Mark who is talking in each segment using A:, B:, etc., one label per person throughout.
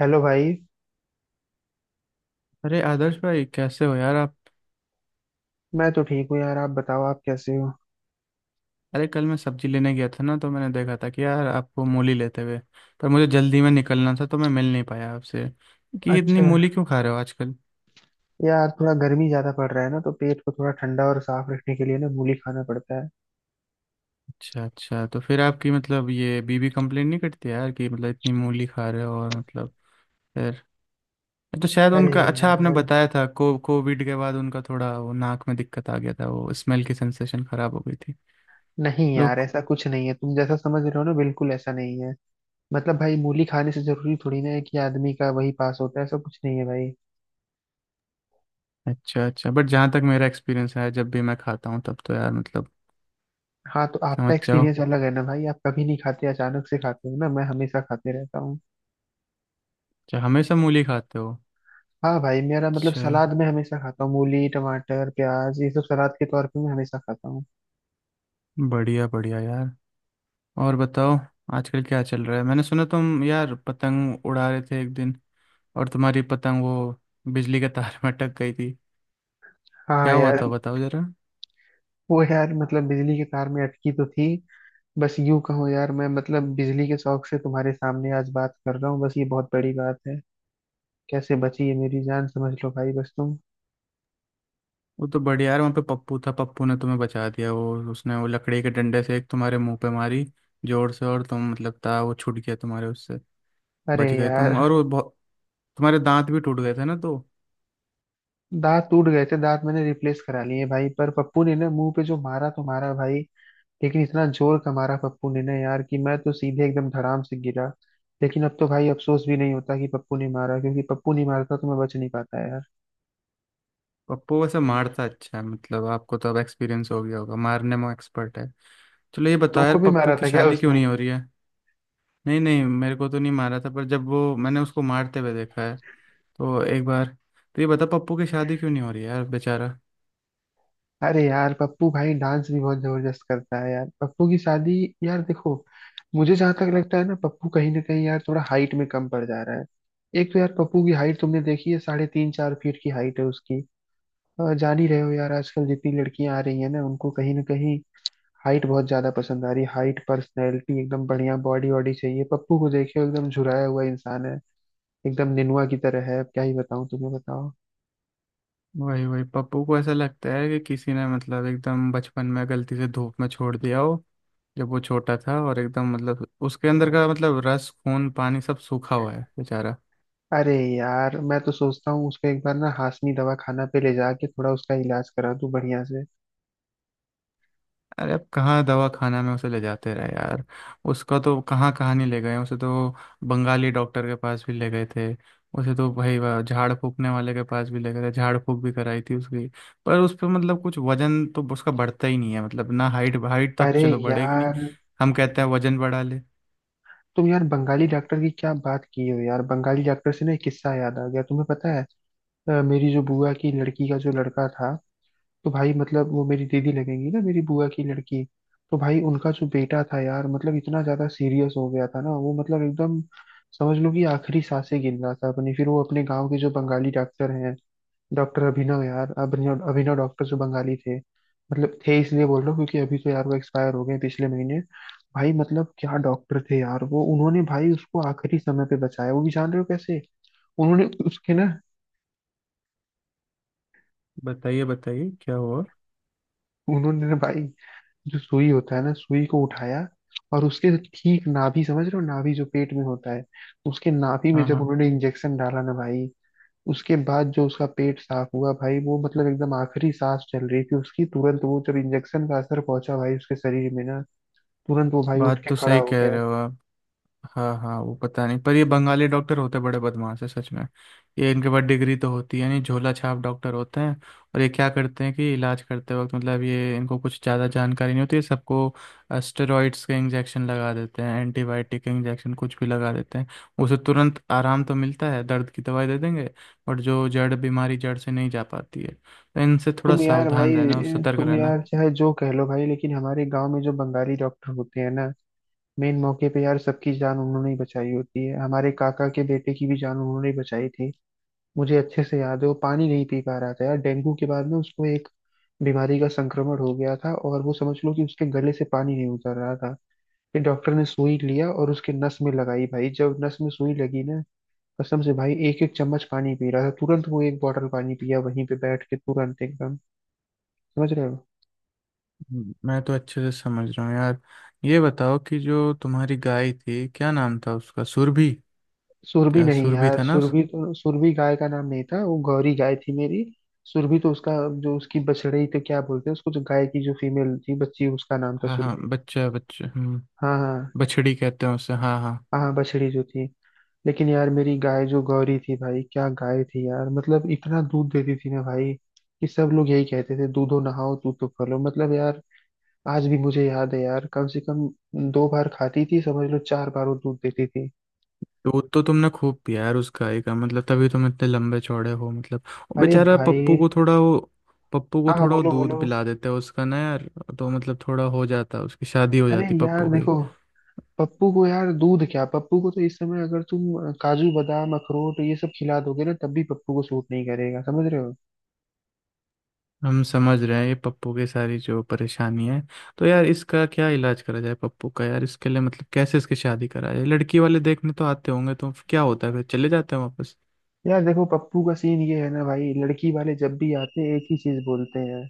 A: Hello भाई।
B: अरे आदर्श भाई, कैसे हो यार आप?
A: मैं तो ठीक हूँ यार, आप बताओ आप कैसे हो?
B: अरे कल मैं सब्जी लेने गया था ना, तो मैंने देखा था कि यार आपको मूली लेते हुए। पर मुझे जल्दी में निकलना था, तो मैं मिल नहीं पाया आपसे कि इतनी
A: अच्छा।
B: मूली क्यों खा रहे हो आजकल।
A: यार थोड़ा गर्मी ज्यादा पड़ रहा है ना, तो पेट को थोड़ा ठंडा और साफ रखने के लिए ना मूली खाना पड़ता है।
B: अच्छा अच्छा, तो फिर आपकी मतलब ये बीबी कंप्लेन नहीं करती यार, कि मतलब इतनी मूली खा रहे हो और मतलब फिर, तो शायद
A: अरे
B: उनका, अच्छा आपने
A: यार।
B: बताया था को कोविड के बाद उनका थोड़ा वो, नाक में दिक्कत आ गया था, वो स्मेल की सेंसेशन खराब हो गई थी।
A: नहीं यार,
B: लोग।
A: ऐसा कुछ नहीं है, तुम जैसा समझ रहे हो ना बिल्कुल ऐसा नहीं है। मतलब भाई मूली खाने से जरूरी थोड़ी ना है कि आदमी का वही पास होता है, ऐसा कुछ नहीं है भाई।
B: अच्छा अच्छा, बट जहाँ तक मेरा एक्सपीरियंस है, जब भी मैं खाता हूँ तब तो यार मतलब
A: हाँ तो आपका
B: समझ जाओ।
A: एक्सपीरियंस अलग है ना भाई, आप कभी नहीं खाते, अचानक से खाते हो ना, मैं हमेशा खाते रहता हूँ।
B: अच्छा, हमेशा मूली खाते हो?
A: हाँ भाई, मेरा मतलब
B: अच्छा,
A: सलाद में हमेशा खाता हूँ, मूली टमाटर प्याज ये सब सलाद के तौर पे मैं हमेशा खाता हूँ।
B: बढ़िया बढ़िया यार। और बताओ, आजकल क्या चल रहा है? मैंने सुना तुम यार पतंग उड़ा रहे थे एक दिन, और तुम्हारी पतंग वो बिजली के तार में अटक गई थी।
A: हाँ
B: क्या हुआ
A: यार।
B: था बताओ जरा।
A: वो यार मतलब बिजली के तार में अटकी तो थी। बस यूं कहो यार, मैं मतलब बिजली के शौक से तुम्हारे सामने आज बात कर रहा हूँ, बस ये बहुत बड़ी बात है। कैसे बची है मेरी जान समझ लो भाई, बस तुम।
B: वो तो बढ़िया यार, वहाँ पे पप्पू था, पप्पू ने तुम्हें बचा दिया, वो उसने वो लकड़ी के डंडे से एक तुम्हारे मुंह पे मारी जोर से, और तुम मतलब था वो छूट गया तुम्हारे उससे,
A: अरे
B: बच गए तुम।
A: यार।
B: और वो बहुत, तुम्हारे दांत भी टूट गए थे ना तो।
A: दांत टूट गए थे, दांत मैंने रिप्लेस करा लिए भाई, पर पप्पू ने ना मुंह पे जो मारा तो मारा भाई। लेकिन इतना जोर का मारा पप्पू ने ना यार, कि मैं तो सीधे एकदम धड़ाम से गिरा। लेकिन अब तो भाई अफसोस भी नहीं होता कि पप्पू ने मारा, क्योंकि पप्पू नहीं मारता तो मैं बच नहीं पाता यार।
B: पप्पू वैसे मारता अच्छा है, मतलब आपको तो अब एक्सपीरियंस हो गया होगा, मारने में एक्सपर्ट है। चलो, ये बताओ यार,
A: तुमको भी
B: पप्पू
A: मारा
B: की
A: था क्या
B: शादी क्यों
A: उसने?
B: नहीं हो रही है? नहीं नहीं, मेरे को तो नहीं मारा था, पर जब वो मैंने उसको मारते हुए देखा है, तो एक बार। तो ये बता पप्पू की शादी क्यों नहीं हो रही है यार, बेचारा।
A: अरे यार पप्पू भाई डांस भी बहुत जबरदस्त करता है यार, पप्पू की शादी। यार देखो, मुझे जहां तक लगता है ना, पप्पू कहीं ना कहीं यार थोड़ा हाइट में कम पड़ जा रहा है। एक तो यार पप्पू की हाइट तुमने देखी है, साढ़े तीन चार फीट की हाइट है उसकी। जान ही रहे हो यार, आजकल जितनी लड़कियां आ रही है ना, उनको कहीं ना कहीं हाइट बहुत ज्यादा पसंद आ रही है, हाइट पर्सनैलिटी एकदम बढ़िया बॉडी वॉडी चाहिए। पप्पू को देखे हो, एकदम झुराया हुआ इंसान है, एकदम निनुआ की तरह है। अब क्या ही बताऊं तुम्हें बताओ।
B: वही वही, पप्पू को ऐसा लगता है कि किसी ने मतलब एकदम बचपन में गलती से धूप में छोड़ दिया हो जब वो छोटा था, और एकदम मतलब उसके अंदर का मतलब रस खून पानी सब सूखा हुआ है बेचारा।
A: अरे यार मैं तो सोचता हूँ उसको एक बार ना हाशमी दवा खाना पे ले जाके थोड़ा उसका इलाज करा दूँ बढ़िया से।
B: अरे अब कहाँ दवा खाना में उसे ले जाते रहे यार, उसका तो कहाँ कहाँ नहीं ले गए उसे तो। बंगाली डॉक्टर के पास भी ले गए थे, उसे तो भाई वह झाड़ फूकने वाले के पास भी ले गए थे, झाड़ फूक भी कराई थी उसकी। पर उस पर मतलब कुछ वजन तो उसका बढ़ता ही नहीं है, मतलब ना हाइट, हाइट तो अब
A: अरे
B: चलो बढ़ेगी नहीं,
A: यार।
B: हम कहते हैं वजन बढ़ा ले।
A: तुम यार बंगाली डॉक्टर की क्या बात की हो यार, बंगाली डॉक्टर से ना एक किस्सा याद आ गया, तुम्हें पता है? मेरी जो बुआ की लड़की का जो लड़का था, तो भाई मतलब वो मेरी दीदी लगेंगी ना मेरी बुआ की लड़की। तो भाई उनका जो बेटा था यार, मतलब इतना ज्यादा सीरियस हो गया था ना वो, मतलब एकदम समझ लो कि आखिरी सांसें गिन रहा था अपनी। फिर वो अपने गाँव के जो बंगाली डॉक्टर हैं, डॉक्टर अभिनव, यार अभिनव अभिनव डॉक्टर जो बंगाली थे, मतलब थे इसलिए बोल रहा हूँ क्योंकि अभी तो यार वो एक्सपायर हो गए पिछले महीने। भाई मतलब क्या डॉक्टर थे यार वो, उन्होंने भाई उसको आखिरी समय पे बचाया, वो भी जान रहे हो कैसे? उन्होंने उसके ना,
B: बताइए बताइए क्या हुआ।
A: उन्होंने ना भाई जो सुई होता है ना, सुई को उठाया और उसके ठीक नाभि, समझ रहे हो नाभि जो पेट में होता है, उसके नाभि में
B: हाँ
A: जब
B: हाँ,
A: उन्होंने इंजेक्शन डाला ना भाई, उसके बाद जो उसका पेट साफ हुआ भाई, वो मतलब एकदम आखिरी सांस चल रही थी उसकी, तुरंत वो जब इंजेक्शन का असर पहुंचा भाई उसके शरीर में ना, तुरंत वो भाई उठ
B: बात
A: के
B: तो
A: खड़ा
B: सही
A: हो
B: कह
A: गया।
B: रहे हो। हाँ हाँ, वो पता नहीं, पर ये बंगाली डॉक्टर होते बड़े बदमाश है सच में। ये इनके पास डिग्री तो होती है नहीं, झोला छाप डॉक्टर होते हैं। और ये क्या करते हैं कि इलाज करते वक्त मतलब ये इनको कुछ ज़्यादा जानकारी नहीं होती है सबको, स्टेरॉइड्स के इंजेक्शन लगा देते हैं, एंटीबायोटिक के इंजेक्शन कुछ भी लगा देते हैं। उसे तुरंत आराम तो मिलता है, दर्द की दवाई दे देंगे, बट जो जड़ बीमारी जड़ से नहीं जा पाती है, तो इनसे थोड़ा
A: तुम यार
B: सावधान रहना और
A: भाई,
B: सतर्क
A: तुम
B: रहना।
A: यार चाहे जो कह लो भाई, लेकिन हमारे गांव में जो बंगाली डॉक्टर होते हैं ना, मेन मौके पे यार सबकी जान उन्होंने ही बचाई होती है। हमारे काका के बेटे की भी जान उन्होंने ही बचाई थी, मुझे अच्छे से याद है। वो पानी नहीं पी पा रहा था यार, डेंगू के बाद ना उसको एक बीमारी का संक्रमण हो गया था, और वो समझ लो कि उसके गले से पानी नहीं उतर रहा था। फिर डॉक्टर ने सुई लिया और उसके नस में लगाई भाई, जब नस में सुई लगी ना, कसम से भाई एक एक चम्मच पानी पी रहा था, तुरंत वो एक बॉटल पानी पिया वहीं पे बैठ के तुरंत एकदम। समझ रहे हो।
B: मैं तो अच्छे से समझ रहा हूँ यार। ये बताओ कि जो तुम्हारी गाय थी क्या नाम था उसका, सुरभि?
A: सुरभि
B: क्या
A: नहीं
B: सुरभि
A: यार,
B: था ना उस।
A: सुरभि तो, सुरभि गाय का नाम नहीं था, वो गौरी गाय थी मेरी। सुरभि तो उसका जो उसकी बछड़ी, तो क्या बोलते हैं उसको, जो गाय की जो फीमेल थी बच्ची, उसका नाम था
B: हाँ हाँ,
A: सुरभि।
B: बच्चा बच्चा, हम्म।
A: हाँ हाँ।
B: बछड़ी कहते हैं उसे, हाँ हाँ।
A: हाँ बछड़ी जो थी। लेकिन यार मेरी गाय जो गौरी थी भाई, क्या गाय थी यार, मतलब इतना दूध देती थी ना भाई, कि सब लोग यही कहते थे दूधो नहाओ दूध तो फलो, मतलब यार आज भी मुझे याद है यार, कम से कम 2 बार खाती थी समझ लो, 4 बार वो दूध देती थी।
B: दूध तो तुमने खूब पिया यार उस गाय का, मतलब तभी तुम इतने लंबे चौड़े हो। मतलब वो
A: अरे
B: बेचारा
A: भाई।
B: पप्पू को थोड़ा वो, पप्पू
A: हाँ
B: को
A: हाँ
B: थोड़ा वो
A: बोलो
B: दूध
A: बोलो।
B: पिला देता है उसका ना यार, तो मतलब थोड़ा हो जाता, उसकी शादी हो
A: अरे
B: जाती
A: यार
B: पप्पू की।
A: देखो, पप्पू को यार दूध क्या, पप्पू को तो इस समय अगर तुम काजू बादाम अखरोट ये सब खिला दोगे ना तब भी पप्पू को सूट नहीं करेगा, समझ रहे हो?
B: हम समझ रहे हैं, ये पप्पू की सारी जो परेशानी है। तो यार, इसका क्या इलाज करा जाए पप्पू का यार? इसके लिए मतलब कैसे इसकी शादी करा जाए? लड़की वाले देखने तो आते होंगे, तो क्या होता है फिर चले जाते हैं वापस?
A: यार देखो पप्पू का सीन ये है ना भाई, लड़की वाले जब भी आते हैं एक ही चीज बोलते हैं,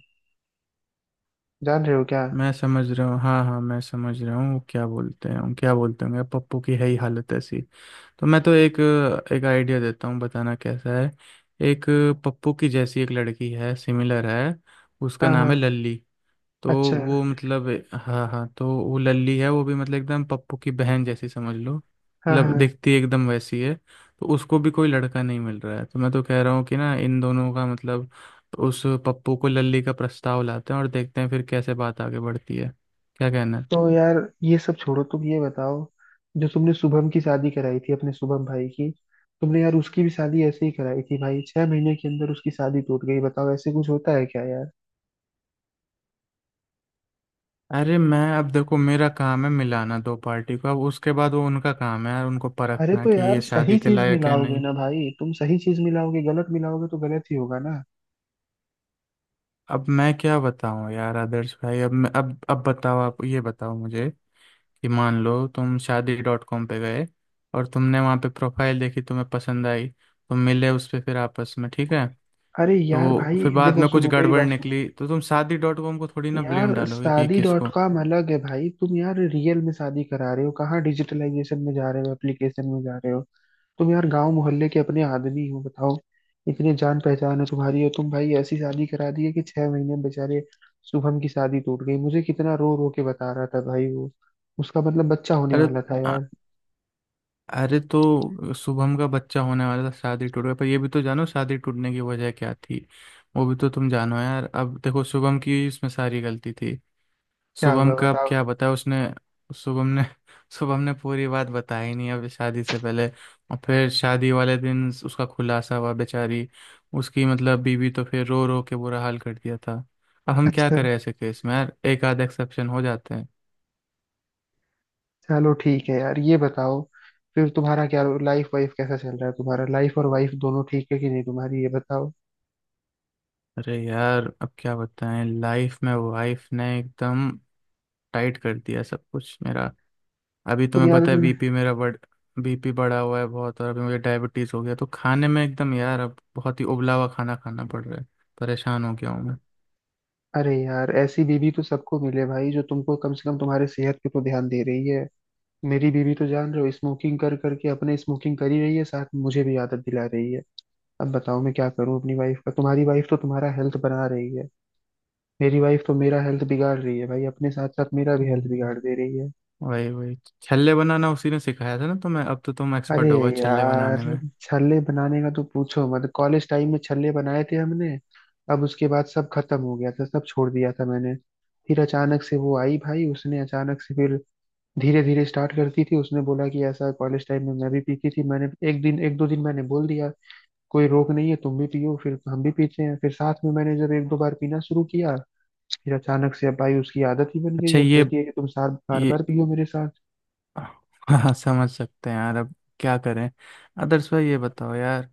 A: जान रहे हो क्या?
B: मैं समझ रहा हूँ, हाँ हाँ, मैं समझ रहा हूँ क्या बोलते हैं, क्या बोलते होंगे, पप्पू की है ही हालत ऐसी। तो मैं तो एक, एक आइडिया देता हूँ, बताना कैसा है। एक पप्पू की जैसी एक लड़की है, सिमिलर है, उसका
A: हाँ
B: नाम
A: हाँ।
B: है लल्ली। तो
A: अच्छा।
B: वो मतलब, हाँ हाँ, तो वो लल्ली है, वो भी मतलब एकदम पप्पू की बहन जैसी समझ लो,
A: हाँ
B: मतलब
A: हाँ।
B: दिखती एकदम वैसी है। तो उसको भी कोई लड़का नहीं मिल रहा है, तो मैं तो कह रहा हूँ कि ना इन दोनों का मतलब उस पप्पू को लल्ली का प्रस्ताव लाते हैं, और देखते हैं फिर कैसे बात आगे बढ़ती है। क्या कहना है?
A: तो यार ये सब छोड़ो, तुम ये बताओ, जो तुमने शुभम की शादी कराई थी अपने शुभम भाई की, तुमने यार उसकी भी शादी ऐसे ही कराई थी भाई, 6 महीने के अंदर उसकी शादी टूट गई, बताओ ऐसे कुछ होता है क्या यार?
B: अरे मैं, अब देखो, मेरा काम है मिलाना दो पार्टी को, अब उसके बाद वो उनका काम है यार, उनको
A: अरे
B: परखना
A: तो
B: कि
A: यार
B: ये
A: सही
B: शादी के
A: चीज
B: लायक है
A: मिलाओगे
B: नहीं।
A: ना भाई, तुम सही चीज मिलाओगे गलत मिलाओगे तो गलत ही होगा ना।
B: अब मैं क्या बताऊं यार आदर्श भाई, अब मैं अब बताओ आप, ये बताओ मुझे कि मान लो तुम शादी डॉट कॉम पे गए, और तुमने वहाँ पे प्रोफाइल देखी, तुम्हें पसंद आई, तुम मिले उस पे, फिर आपस में ठीक है।
A: अरे यार
B: तो
A: भाई।
B: फिर बाद
A: देखो
B: में कुछ
A: सुनो मेरी
B: गड़बड़
A: बात सुनो,
B: निकली, तो तुम शादी डॉट कॉम को थोड़ी ना ब्लेम
A: यार
B: डालोगे कि ये
A: शादी डॉट
B: किसको।
A: कॉम अलग है भाई, तुम यार रियल में शादी करा रहे हो, कहाँ डिजिटलाइजेशन में जा रहे हो एप्लीकेशन में जा रहे हो। तुम यार गांव मोहल्ले के अपने आदमी हो, बताओ इतने जान पहचान है तुम्हारी, और तुम भाई ऐसी शादी करा दी है कि 6 महीने में बेचारे शुभम की शादी टूट गई, मुझे कितना रो रो के बता रहा था भाई वो, उसका मतलब बच्चा होने
B: अरे
A: वाला था
B: अ-
A: यार।
B: अरे तो शुभम का बच्चा होने वाला था, शादी टूट गया, पर ये भी तो जानो शादी टूटने की वजह क्या थी। वो भी तो तुम जानो यार, अब देखो शुभम की इसमें सारी गलती थी।
A: क्या हुआ
B: शुभम का अब
A: बताओ।
B: क्या बताया उसने? शुभम ने शुभम ने पूरी बात बताई नहीं अब शादी से पहले, और फिर शादी वाले दिन उसका खुलासा हुआ। बेचारी उसकी मतलब बीवी तो फिर रो रो के बुरा हाल कर दिया था। अब हम क्या
A: अच्छा,
B: करें ऐसे केस में यार, एक आध एक्सेप्शन हो जाते हैं।
A: चलो ठीक है यार। ये बताओ फिर तुम्हारा क्या लाइफ वाइफ कैसा चल रहा है, तुम्हारा लाइफ और वाइफ दोनों ठीक है कि नहीं, तुम्हारी ये बताओ।
B: अरे यार अब क्या बताएं, लाइफ में वाइफ ने एकदम टाइट कर दिया सब कुछ मेरा। अभी
A: तुम
B: तुम्हें
A: यार।
B: पता है, बीपी मेरा बढ़, बीपी बढ़ा हुआ है बहुत, और अभी मुझे डायबिटीज हो गया, तो खाने में एकदम यार अब बहुत ही उबला हुआ खाना खाना पड़ रहा है। परेशान हो गया हूँ मैं।
A: अरे यार ऐसी बीवी तो सबको मिले भाई, जो तुमको कम से कम तुम्हारे सेहत पे तो ध्यान दे रही है। मेरी बीवी तो जान रहे हो स्मोकिंग कर करके अपने स्मोकिंग करी रही है, साथ में मुझे भी आदत दिला रही है। अब बताओ मैं क्या करूं अपनी वाइफ का, तुम्हारी वाइफ तो तुम्हारा हेल्थ बना रही है, मेरी वाइफ तो मेरा हेल्थ बिगाड़ रही है भाई, अपने साथ साथ मेरा भी हेल्थ
B: जी।
A: बिगाड़ दे रही है।
B: वही वही, छल्ले बनाना उसी ने सिखाया था ना तुम्हें, अब तो तुम
A: अरे
B: एक्सपर्ट हो गए छल्ले बनाने
A: यार।
B: में।
A: छल्ले बनाने का तो पूछो मत, कॉलेज टाइम में छल्ले बनाए थे हमने, अब उसके बाद सब खत्म हो गया था, सब छोड़ दिया था मैंने। फिर अचानक से वो आई भाई, उसने अचानक से फिर धीरे धीरे स्टार्ट करती थी, उसने बोला कि ऐसा कॉलेज टाइम में मैं भी पीती थी, मैंने एक दिन एक दो दिन मैंने बोल दिया कोई रोक नहीं है, तुम भी पियो फिर हम भी पीते हैं, फिर साथ में मैंने जब एक दो बार पीना शुरू किया, फिर अचानक से अब भाई उसकी आदत ही बन गई,
B: अच्छा,
A: अब
B: ये
A: कहती है कि तुम साथ बार
B: ये
A: बार पियो मेरे साथ।
B: हाँ, समझ सकते हैं यार, अब क्या करें। आदर्श भाई, ये बताओ यार,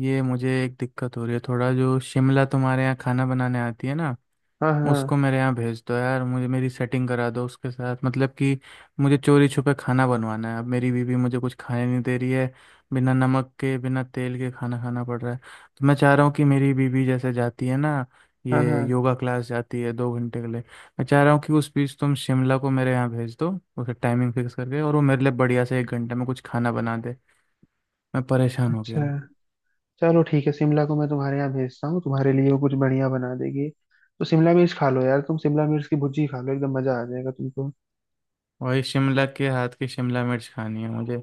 B: ये मुझे एक दिक्कत हो रही है थोड़ा। जो शिमला तुम्हारे यहाँ खाना बनाने आती है ना,
A: हाँ
B: उसको
A: हाँ।
B: मेरे यहाँ भेज दो यार, मुझे मेरी सेटिंग करा दो उसके साथ, मतलब कि मुझे चोरी छुपे खाना बनवाना है। अब मेरी बीवी मुझे कुछ खाने नहीं दे रही है, बिना नमक के बिना तेल के खाना खाना पड़ रहा है। तो मैं चाह रहा हूँ कि मेरी बीवी जैसे जाती है ना,
A: हाँ
B: ये
A: हाँ।
B: योगा क्लास जाती है 2 घंटे के लिए, मैं चाह रहा हूँ कि उस बीच तुम शिमला को मेरे यहाँ भेज दो, उसका टाइमिंग फिक्स करके, और वो मेरे लिए बढ़िया से 1 घंटे में कुछ खाना बना दे। मैं परेशान हो गया
A: अच्छा,
B: हूँ।
A: चलो ठीक है, शिमला को मैं तुम्हारे यहाँ भेजता हूँ, तुम्हारे लिए वो कुछ बढ़िया बना देगी। तो शिमला मिर्च खा लो यार, तुम शिमला मिर्च की भुर्जी खा लो, एकदम मजा आ जाएगा तुमको।
B: वही शिमला के हाथ की शिमला मिर्च खानी है मुझे,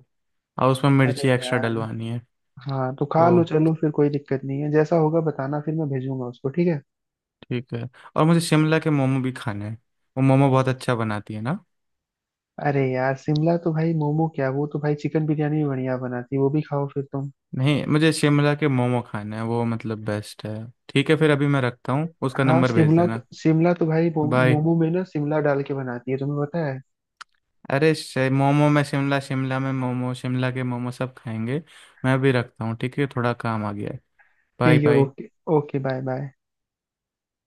B: और उसमें
A: अरे
B: मिर्ची एक्स्ट्रा
A: यार।
B: डलवानी है।
A: हाँ तो खा
B: तो
A: लो चलो, फिर कोई दिक्कत नहीं है, जैसा होगा बताना, फिर मैं भेजूंगा उसको, ठीक है।
B: ठीक है। और मुझे शिमला के मोमो भी खाने हैं, वो मोमो बहुत अच्छा बनाती है ना।
A: अरे यार शिमला तो भाई मोमो क्या, वो तो भाई चिकन बिरयानी भी बढ़िया बनाती है, वो भी खाओ फिर तुम।
B: नहीं, मुझे शिमला के मोमो खाने हैं, वो मतलब बेस्ट है। ठीक है, फिर अभी मैं रखता हूँ, उसका
A: हाँ
B: नंबर भेज
A: शिमला तो,
B: देना।
A: शिमला तो भाई
B: बाय।
A: मोमो में ना शिमला डाल के बनाती है, तुम्हें पता है।
B: अरे मोमो में शिमला, शिमला में मोमो, शिमला के मोमो सब खाएंगे। मैं भी रखता हूँ, ठीक है थोड़ा काम आ गया है। बाय
A: ठीक है
B: bye.
A: Okay. Okay bye bye.